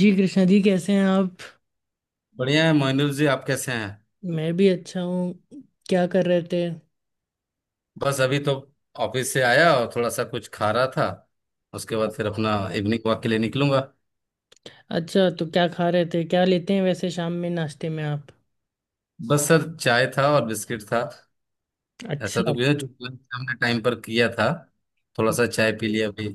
जी कृष्णा जी, कैसे हैं आप? बढ़िया है मोइनुल जी। आप कैसे हैं? मैं भी अच्छा हूँ। क्या कर रहे थे? बस अभी तो ऑफिस से आया और थोड़ा सा कुछ खा रहा था। उसके बाद फिर अपना इवनिंग वॉक के लिए निकलूंगा। अच्छा, तो क्या खा रहे थे? क्या लेते हैं वैसे शाम में नाश्ते में आप? बस सर चाय था और बिस्किट था। ऐसा अच्छा। तो कुछ है जो लंच हमने टाइम पर किया था। थोड़ा सा चाय पी लिया अभी।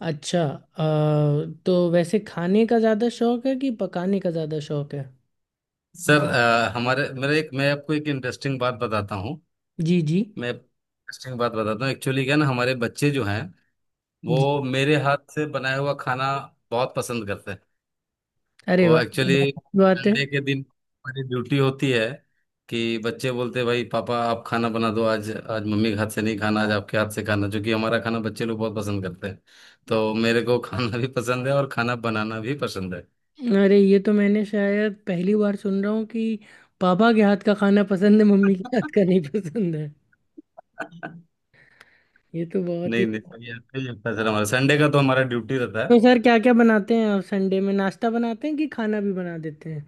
अच्छा अ, तो वैसे खाने का ज़्यादा शौक है कि पकाने का ज़्यादा शौक है? सर हमारे मेरे एक मैं आपको एक इंटरेस्टिंग बात बताता हूँ। जी जी। मैं इंटरेस्टिंग बात बताता हूँ एक्चुअली क्या ना, हमारे बच्चे जो हैं जी, वो मेरे हाथ से बनाया हुआ खाना बहुत पसंद करते हैं। अरे वो वाह, ये तो एक्चुअली बहुत अच्छी बात है। संडे के दिन हमारी ड्यूटी होती है कि बच्चे बोलते हैं भाई पापा आप खाना बना दो, आज आज मम्मी के हाथ से नहीं खाना, आज आपके हाथ से खाना, जो कि हमारा खाना बच्चे लोग बहुत पसंद करते हैं। तो मेरे को खाना भी पसंद है और खाना बनाना भी पसंद है। अरे, ये तो मैंने शायद पहली बार सुन रहा हूँ कि पापा के हाथ का खाना पसंद है, मम्मी के हाथ का नहीं पसंद है। ये तो बहुत ही। नहीं नहीं, सही है सही है सर। हमारा संडे का तो हमारा ड्यूटी रहता तो है। सर क्या क्या बनाते हैं आप? संडे में नाश्ता बनाते हैं कि खाना भी बना देते हैं?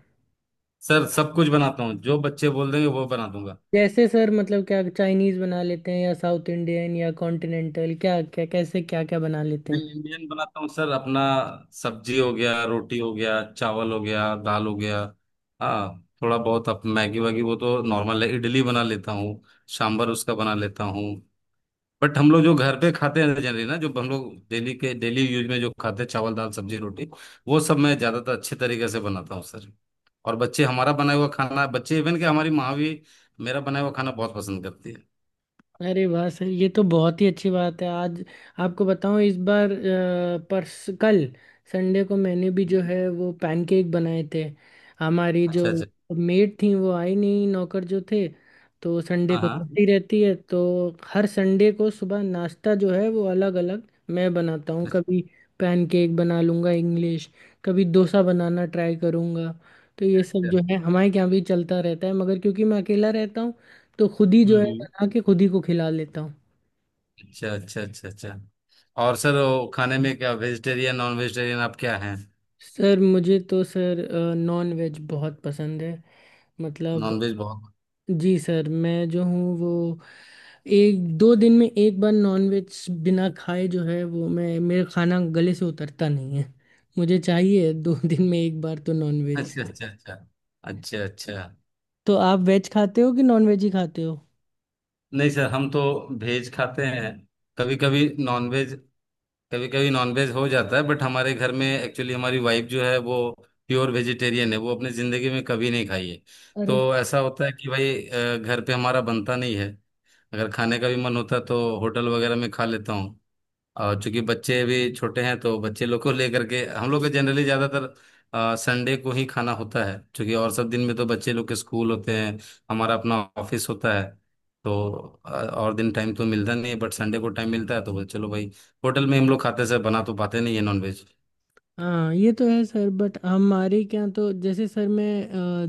सर सब कुछ बनाता हूँ, जो बच्चे बोल देंगे वो बना दूंगा। जैसे सर मतलब, क्या चाइनीज बना लेते हैं या साउथ इंडियन या कॉन्टिनेंटल? क्या क्या कैसे, क्या क्या बना लेते मैं हैं? इंडियन बनाता हूँ सर अपना। सब्जी हो गया, रोटी हो गया, चावल हो गया, दाल हो गया। हाँ थोड़ा बहुत अप मैगी वैगी वो तो नॉर्मल है, इडली बना लेता हूँ, सांभर उसका बना लेता हूँ। बट हम लोग जो घर पे खाते हैं जनरली ना, जो हम लोग डेली के डेली यूज में जो खाते हैं चावल दाल सब्जी रोटी, वो सब मैं ज्यादातर अच्छे तरीके से बनाता हूँ सर। और बच्चे हमारा बनाया हुआ खाना, बच्चे इवन के हमारी माँ भी मेरा बनाया हुआ खाना बहुत पसंद करती है। अरे वाह सर, ये तो बहुत ही अच्छी बात है। आज आपको बताऊं, इस बार परस कल संडे को मैंने भी जो है वो पैनकेक बनाए थे। हमारी जो अच्छा अच्छा। मेड थी वो आई नहीं, नौकर जो थे, तो संडे हाँ को हाँ। छुट्टी रहती है तो हर संडे को सुबह नाश्ता जो है वो अलग अलग मैं बनाता हूँ। अच्छा कभी पैनकेक बना लूँगा इंग्लिश, कभी डोसा बनाना ट्राई करूँगा। तो ये सब अच्छा। जो है हमारे यहाँ भी चलता रहता है, मगर क्योंकि मैं अकेला रहता हूँ तो खुद ही जो है हम्म हम्म। बना के खुद ही को खिला लेता हूँ। अच्छा अच्छा अच्छा अच्छा। और सर वो खाने में क्या वेजिटेरियन नॉन वेजिटेरियन, आप क्या हैं? सर मुझे तो सर नॉन वेज बहुत पसंद है। मतलब नॉन वेज बहुत। जी सर, मैं जो हूँ वो एक दो दिन में एक बार नॉन वेज बिना खाए जो है वो मैं, मेरा खाना गले से उतरता नहीं है। मुझे चाहिए दो दिन में एक बार तो नॉन वेज। अच्छा अच्छा अच्छा अच्छा अच्छा। तो आप वेज खाते हो कि नॉन वेज ही खाते हो? नहीं सर, हम तो वेज खाते हैं, कभी कभी नॉन वेज। कभी कभी नॉन वेज हो जाता है, बट हमारे घर में एक्चुअली हमारी वाइफ जो है वो प्योर वेजिटेरियन है, वो अपनी ज़िंदगी में कभी नहीं खाई है। तो अरे ऐसा होता है कि भाई घर पे हमारा बनता नहीं है। अगर खाने का भी मन होता तो होटल वगैरह में खा लेता हूँ। और चूंकि बच्चे अभी छोटे हैं तो बच्चे लोग को लेकर के हम लोग का जनरली ज्यादातर संडे को ही खाना होता है, चूंकि और सब दिन में तो बच्चे लोग के स्कूल होते हैं, हमारा अपना ऑफिस होता है। तो और दिन टाइम तो मिलता नहीं है, बट संडे को टाइम मिलता है तो बोले, चलो भाई होटल में। हम लोग खाते से बना तो पाते नहीं है नॉनवेज। हाँ, ये तो है सर, बट हमारे क्या तो जैसे सर, मैं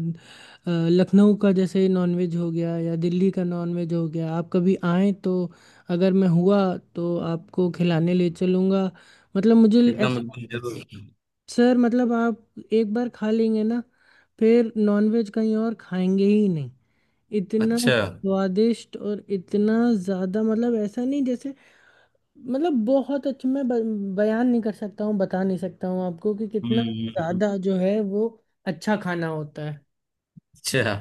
लखनऊ का जैसे नॉनवेज हो गया या दिल्ली का नॉनवेज हो गया, आप कभी आएँ तो, अगर मैं हुआ तो आपको खिलाने ले चलूँगा। मतलब मुझे एकदम ऐसा, एकदम जरूर। सर मतलब आप एक बार खा लेंगे ना, फिर नॉनवेज कहीं और खाएंगे ही नहीं। इतना अच्छा। स्वादिष्ट और इतना ज़्यादा, मतलब ऐसा नहीं जैसे, मतलब बहुत अच्छे, मैं बयान नहीं कर सकता हूँ, बता नहीं सकता हूँ आपको कि कितना हम्म। ज्यादा जो है वो अच्छा खाना होता है। अच्छा।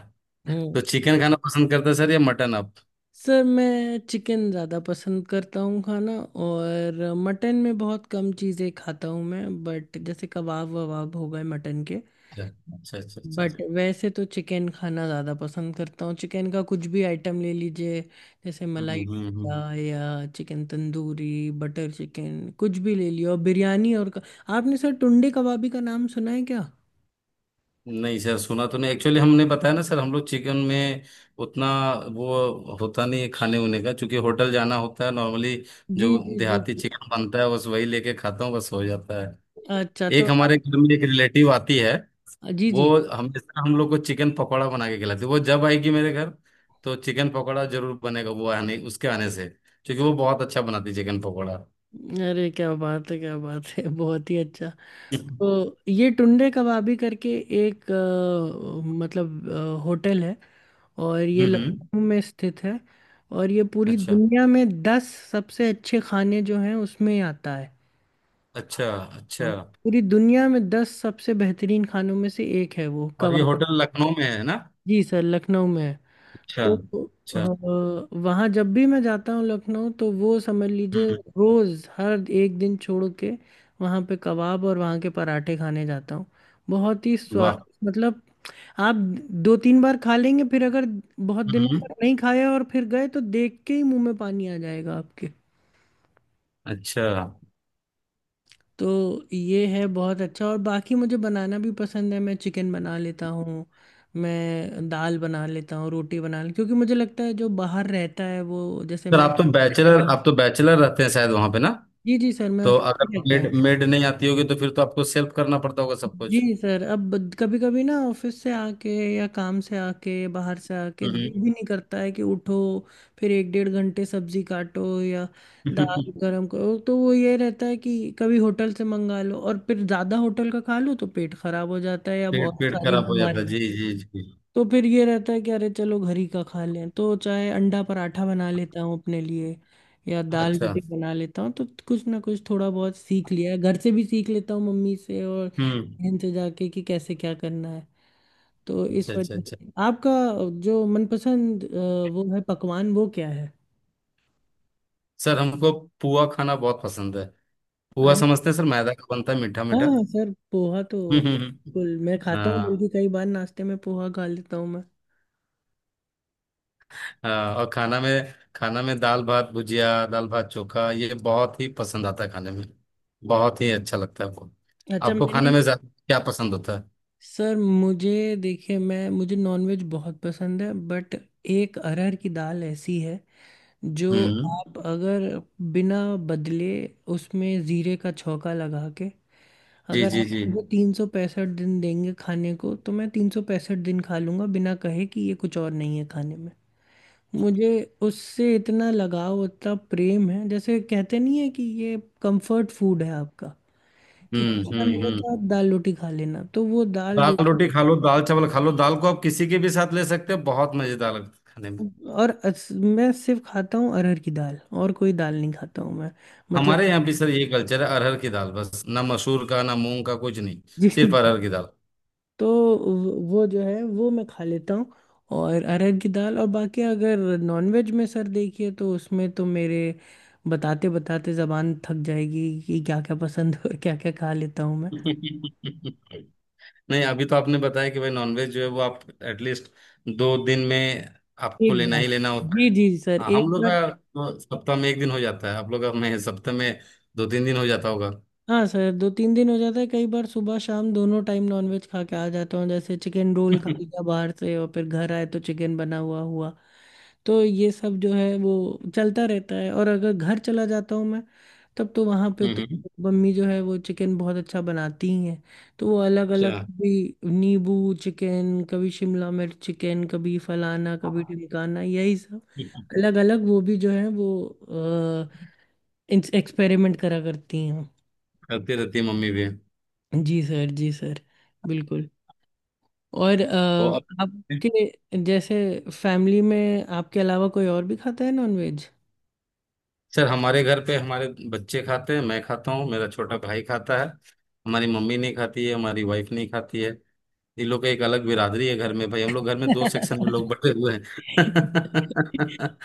हम्म। तो चिकन खाना पसंद करते हैं सर या मटन आप? सर मैं चिकन ज़्यादा पसंद करता हूँ खाना, और मटन में बहुत कम चीज़ें खाता हूँ मैं, बट जैसे कबाब वबाब हो गए मटन के। अच्छा अच्छा अच्छा अच्छा। बट वैसे तो चिकन खाना ज़्यादा पसंद करता हूँ, चिकन का कुछ भी आइटम ले लीजिए, जैसे हम्म मलाई हम्म हम्म। टिक्का या चिकन तंदूरी, बटर चिकन, कुछ भी ले लियो, बिरयानी और आपने सर टुंडे कबाबी का नाम सुना है क्या? नहीं सर सुना तो नहीं, एक्चुअली हमने बताया ना सर, हम लोग चिकन में उतना वो होता नहीं है खाने उने का, क्योंकि होटल जाना होता है नॉर्मली। जी जो हाँ जी जी देहाती जी। चिकन बनता है बस वही लेके खाता हूँ, बस हो जाता है। अच्छा, तो एक हमारे घर में एक रिलेटिव आती है, जी वो जी। हमेशा हम लोग को चिकन पकौड़ा बना के खिलाती है। वो जब आएगी मेरे घर तो चिकन पकौड़ा जरूर बनेगा वो आने उसके आने से, क्योंकि वो बहुत अच्छा बनाती है चिकन पकौड़ा। अरे क्या बात है, क्या बात है बहुत ही अच्छा। हम्म तो ये टुंडे कबाबी करके एक मतलब होटल है, और ये हम्म। लखनऊ में स्थित है। और ये पूरी अच्छा दुनिया में 10 सबसे अच्छे खाने जो हैं उसमें ही आता है। अच्छा अच्छा। अ, पूरी दुनिया में 10 सबसे बेहतरीन खानों में से एक है वो और ये कबाब। होटल लखनऊ में है ना? जी सर, लखनऊ में है। अच्छा तो अच्छा। वहां जब भी मैं जाता हूँ लखनऊ तो वो समझ लीजिए हम्म। रोज हर एक दिन छोड़ के वहां पे कबाब और वहां के पराठे खाने जाता हूँ। बहुत ही वाह। स्वाद, मतलब आप दो तीन बार खा लेंगे, फिर अगर बहुत दिनों हम्म। तक नहीं खाए और फिर गए तो देख के ही मुंह में पानी आ जाएगा आपके। अच्छा। तो ये है बहुत अच्छा। और बाकी मुझे बनाना भी पसंद है, मैं चिकन बना लेता हूँ, मैं दाल बना लेता हूँ, रोटी बना ले, क्योंकि मुझे लगता है जो बाहर रहता है वो, जैसे सर मैं, आप तो बैचलर, आप तो बैचलर रहते हैं शायद वहां पे ना? जी जी सर, मैं तो अगर अकेले रहता हूँ। मेड मेड नहीं आती होगी तो फिर तो आपको सेल्फ करना पड़ता होगा सब जी कुछ। सर, अब कभी कभी ना ऑफिस से आके या काम से आके बाहर से आके हम्म। दिल भी नहीं करता है कि उठो, फिर एक डेढ़ घंटे सब्जी काटो या दाल गरम करो, तो वो ये रहता है कि कभी होटल से मंगा लो, और फिर ज़्यादा होटल का खा लो तो पेट खराब हो जाता है अब और पेट पेट सारी खराब हो जाता बीमारी। है जी जी जी। तो फिर ये रहता है कि अरे चलो घर ही का खा लें, तो चाहे अंडा पराठा बना लेता हूँ अपने लिए, या दाल अच्छा। रोटी बना लेता हूँ, तो कुछ ना कुछ थोड़ा बहुत सीख लिया है, घर से भी सीख लेता हूँ मम्मी से और हम्म। बहन से जाके कि कैसे क्या करना है। तो इस अच्छा अच्छा वजह अच्छा। से आपका जो मनपसंद वो है पकवान, वो क्या है? सर हमको पुआ खाना बहुत पसंद है। पुआ अरे समझते हैं सर, मैदा का बनता है मीठा मीठा। हाँ सर, पोहा तो हम्म हम्म बिल्कुल मैं हम्म। खाता हूँ, हाँ। बल्कि कई बार नाश्ते में पोहा खा लेता हूँ मैं। हाँ, और खाना में, खाना में दाल भात भुजिया, दाल भात चोखा, ये बहुत ही पसंद आता है खाने में, बहुत ही अच्छा लगता है वो। अच्छा, आपको खाने मैंने, में ज्यादा क्या पसंद होता है? सर मुझे देखिए, मैं, मुझे नॉनवेज बहुत पसंद है बट एक अरहर की दाल ऐसी है जो, हम्म। आप अगर बिना बदले उसमें जीरे का छौंका लगा के, जी अगर जी जी। आप मुझे 365 दिन देंगे खाने को तो मैं 365 दिन खा लूँगा बिना कहे कि ये कुछ और नहीं है खाने में। मुझे उससे इतना लगाव, इतना प्रेम है, जैसे कहते नहीं है कि ये कंफर्ट फूड है आपका, कि कुछ ना मिले हम्म। तो आप दाल रोटी खा लेना, तो वो दाल दाल रोटी। रोटी खा लो, दाल चावल खा लो, दाल को आप किसी के भी साथ ले सकते हो, बहुत मजेदार लगता है खाने में। और मैं सिर्फ खाता हूँ अरहर की दाल, और कोई दाल नहीं खाता हूँ मैं। मतलब हमारे यहाँ भी सर ये कल्चर है, अरहर की दाल बस, ना मसूर का ना मूंग का कुछ नहीं, जी। सिर्फ अरहर की दाल। तो वो जो है वो मैं खा लेता हूँ, और अरहर की दाल। और बाकी अगर नॉनवेज में सर देखिए तो उसमें तो मेरे बताते बताते जबान थक जाएगी कि क्या क्या पसंद है और क्या क्या खा लेता हूँ मैं। नहीं अभी तो आपने बताया कि भाई नॉनवेज जो है वो आप एटलीस्ट 2 दिन में आपको एक लेना बार, ही लेना होता जी है। जी सर, हाँ एक हम लोग बार। का तो सप्ताह में 1 दिन हो जाता है, आप लोग का में सप्ताह में 2-3 दिन हो जाता होगा। हाँ सर, दो तीन दिन हो जाता है, कई बार सुबह शाम दोनों टाइम नॉनवेज खा के आ जाता हूँ, जैसे चिकन रोल खा हम्म। लिया बाहर से और फिर घर आए तो चिकन बना हुआ हुआ। तो ये सब जो है वो चलता रहता है, और अगर घर चला जाता हूँ मैं तब तो वहाँ पे तो हम्म। मम्मी जो है वो चिकन बहुत अच्छा बनाती ही हैं, तो वो अलग अलग अच्छा। भी, नींबू चिकन कभी, शिमला मिर्च चिकन कभी, फलाना कभी ढिमकाना, यही सब अलग अलग, वो भी जो है वो एक्सपेरिमेंट करा करती हैं। करती रहती है मम्मी भी। जी सर, जी सर, बिल्कुल। और तो अब आपके जैसे फैमिली में आपके अलावा कोई और भी खाता है नॉनवेज? सर हमारे घर पे हमारे बच्चे खाते हैं, मैं खाता हूँ, मेरा छोटा भाई खाता है। हमारी मम्मी नहीं खाती है, हमारी वाइफ नहीं खाती है। इन लोग का एक अलग बिरादरी है, घर में भाई हम लोग घर में दो सेक्शन में लोग बटे हुए हैं।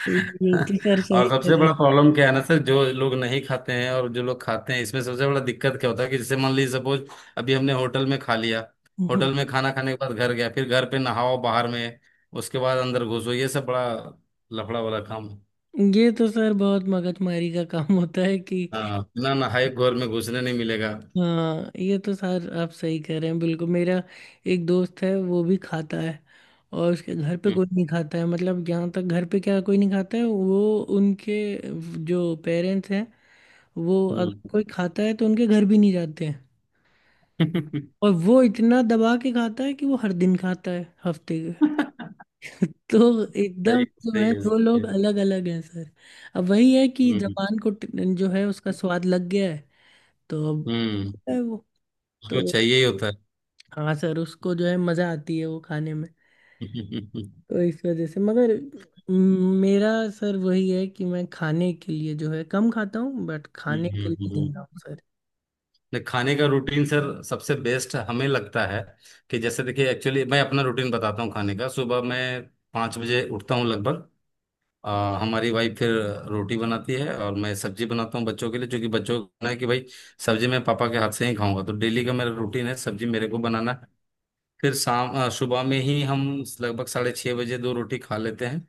ये तो सर और सही कह सबसे रहे हैं। बड़ा प्रॉब्लम क्या है ना सर, जो लोग नहीं खाते हैं और जो लोग खाते हैं इसमें सबसे बड़ा दिक्कत क्या होता है कि जैसे मान लीजिए सपोज अभी हमने होटल में खा लिया। होटल में खाना खाने के बाद घर गया, फिर घर पे नहाओ बाहर में, उसके बाद अंदर घुसो, ये सब बड़ा लफड़ा वाला काम है। ये तो सर बहुत मगजमारी का काम होता है कि, हाँ बिना नहाए घर में घुसने नहीं मिलेगा। हाँ ये तो सर आप सही कह रहे हैं बिल्कुल। मेरा एक दोस्त है वो भी खाता है, और उसके घर पे हम्म कोई नहीं खाता है, मतलब जहाँ तक घर पे क्या कोई नहीं खाता है वो उनके जो पेरेंट्स हैं वो, हम्म। अगर कोई खाता है तो उनके घर भी नहीं जाते हैं। और वो इतना दबा के खाता है कि वो हर दिन खाता है हफ्ते के। तो एकदम सही जो है सही है दो सही लोग है। अलग अलग हैं सर। अब वही है कि हम्म जबान को जो है उसका स्वाद लग गया है तो अब हम्म। है वो। तो उसको चाहिए ही होता है। हाँ सर, उसको जो है मज़ा आती है वो खाने में। हम्म। तो इस वजह से मगर मेरा सर वही है कि मैं खाने के लिए जो है कम खाता हूँ, बट खाने के लिए जिंदा हूँ सर। नहीं, खाने का रूटीन सर सबसे बेस्ट हमें लगता है, कि जैसे देखिए एक्चुअली मैं अपना रूटीन बताता हूँ खाने का। सुबह मैं 5 बजे उठता हूँ लगभग। हमारी वाइफ फिर रोटी बनाती है और मैं सब्जी बनाता हूँ बच्चों के लिए, क्योंकि बच्चों को कहना है कि भाई सब्जी मैं पापा के हाथ से ही खाऊंगा। तो डेली का मेरा रूटीन है सब्जी मेरे को बनाना है। फिर शाम सुबह में ही हम लगभग 6:30 बजे दो रोटी खा लेते हैं।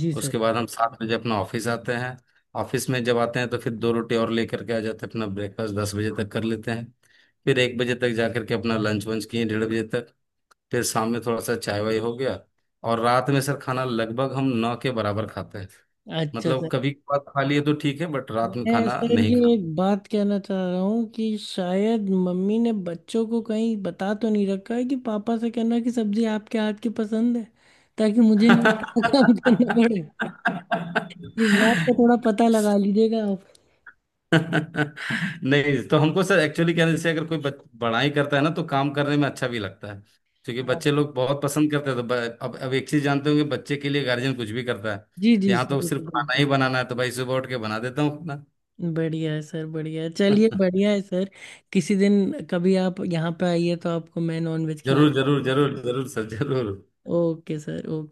जी सर। उसके बाद हम 7 बजे अपना ऑफिस आते हैं। ऑफिस में जब आते हैं तो फिर दो रोटी और लेकर के आ जाते हैं, अपना ब्रेकफास्ट 10 बजे तक कर लेते हैं। फिर 1 बजे तक जाकर के अपना लंच वंच किए 1:30 बजे तक। फिर शाम में थोड़ा सा चाय वाय हो गया। और रात में सर खाना लगभग हम 9 के बराबर खाते हैं। अच्छा मतलब सर, कभी बात खा लिए तो ठीक है, बट रात में मैं खाना सर नहीं ये एक बात कहना चाह रहा हूँ कि शायद मम्मी ने बच्चों को कहीं बता तो नहीं रखा है कि पापा से कहना कि सब्जी आपके हाथ की पसंद है, ताकि मुझे ना खाते। काम करना पड़े। इस बात का थोड़ा पता लगा लीजिएगा आप। नहीं तो हमको सर एक्चुअली क्या है, जैसे अगर कोई बड़ा ही करता है ना तो काम करने में अच्छा भी लगता है। क्योंकि हाँ, बच्चे लोग बहुत पसंद करते हैं तो अब एक चीज जानते होंगे, बच्चे के लिए गार्जियन कुछ भी करता है। जी जी यहाँ तो सर, सिर्फ खाना ही बिल्कुल। बनाना है तो भाई सुबह उठ के बना देता हूँ खाना। बढ़िया है सर, बढ़िया है, चलिए बढ़िया है सर। किसी दिन कभी आप यहाँ पे आइए तो आपको मैं नॉन वेज खिला। जरूर जरूर जरूर जरूर सर जरूर। Okay sir, okay.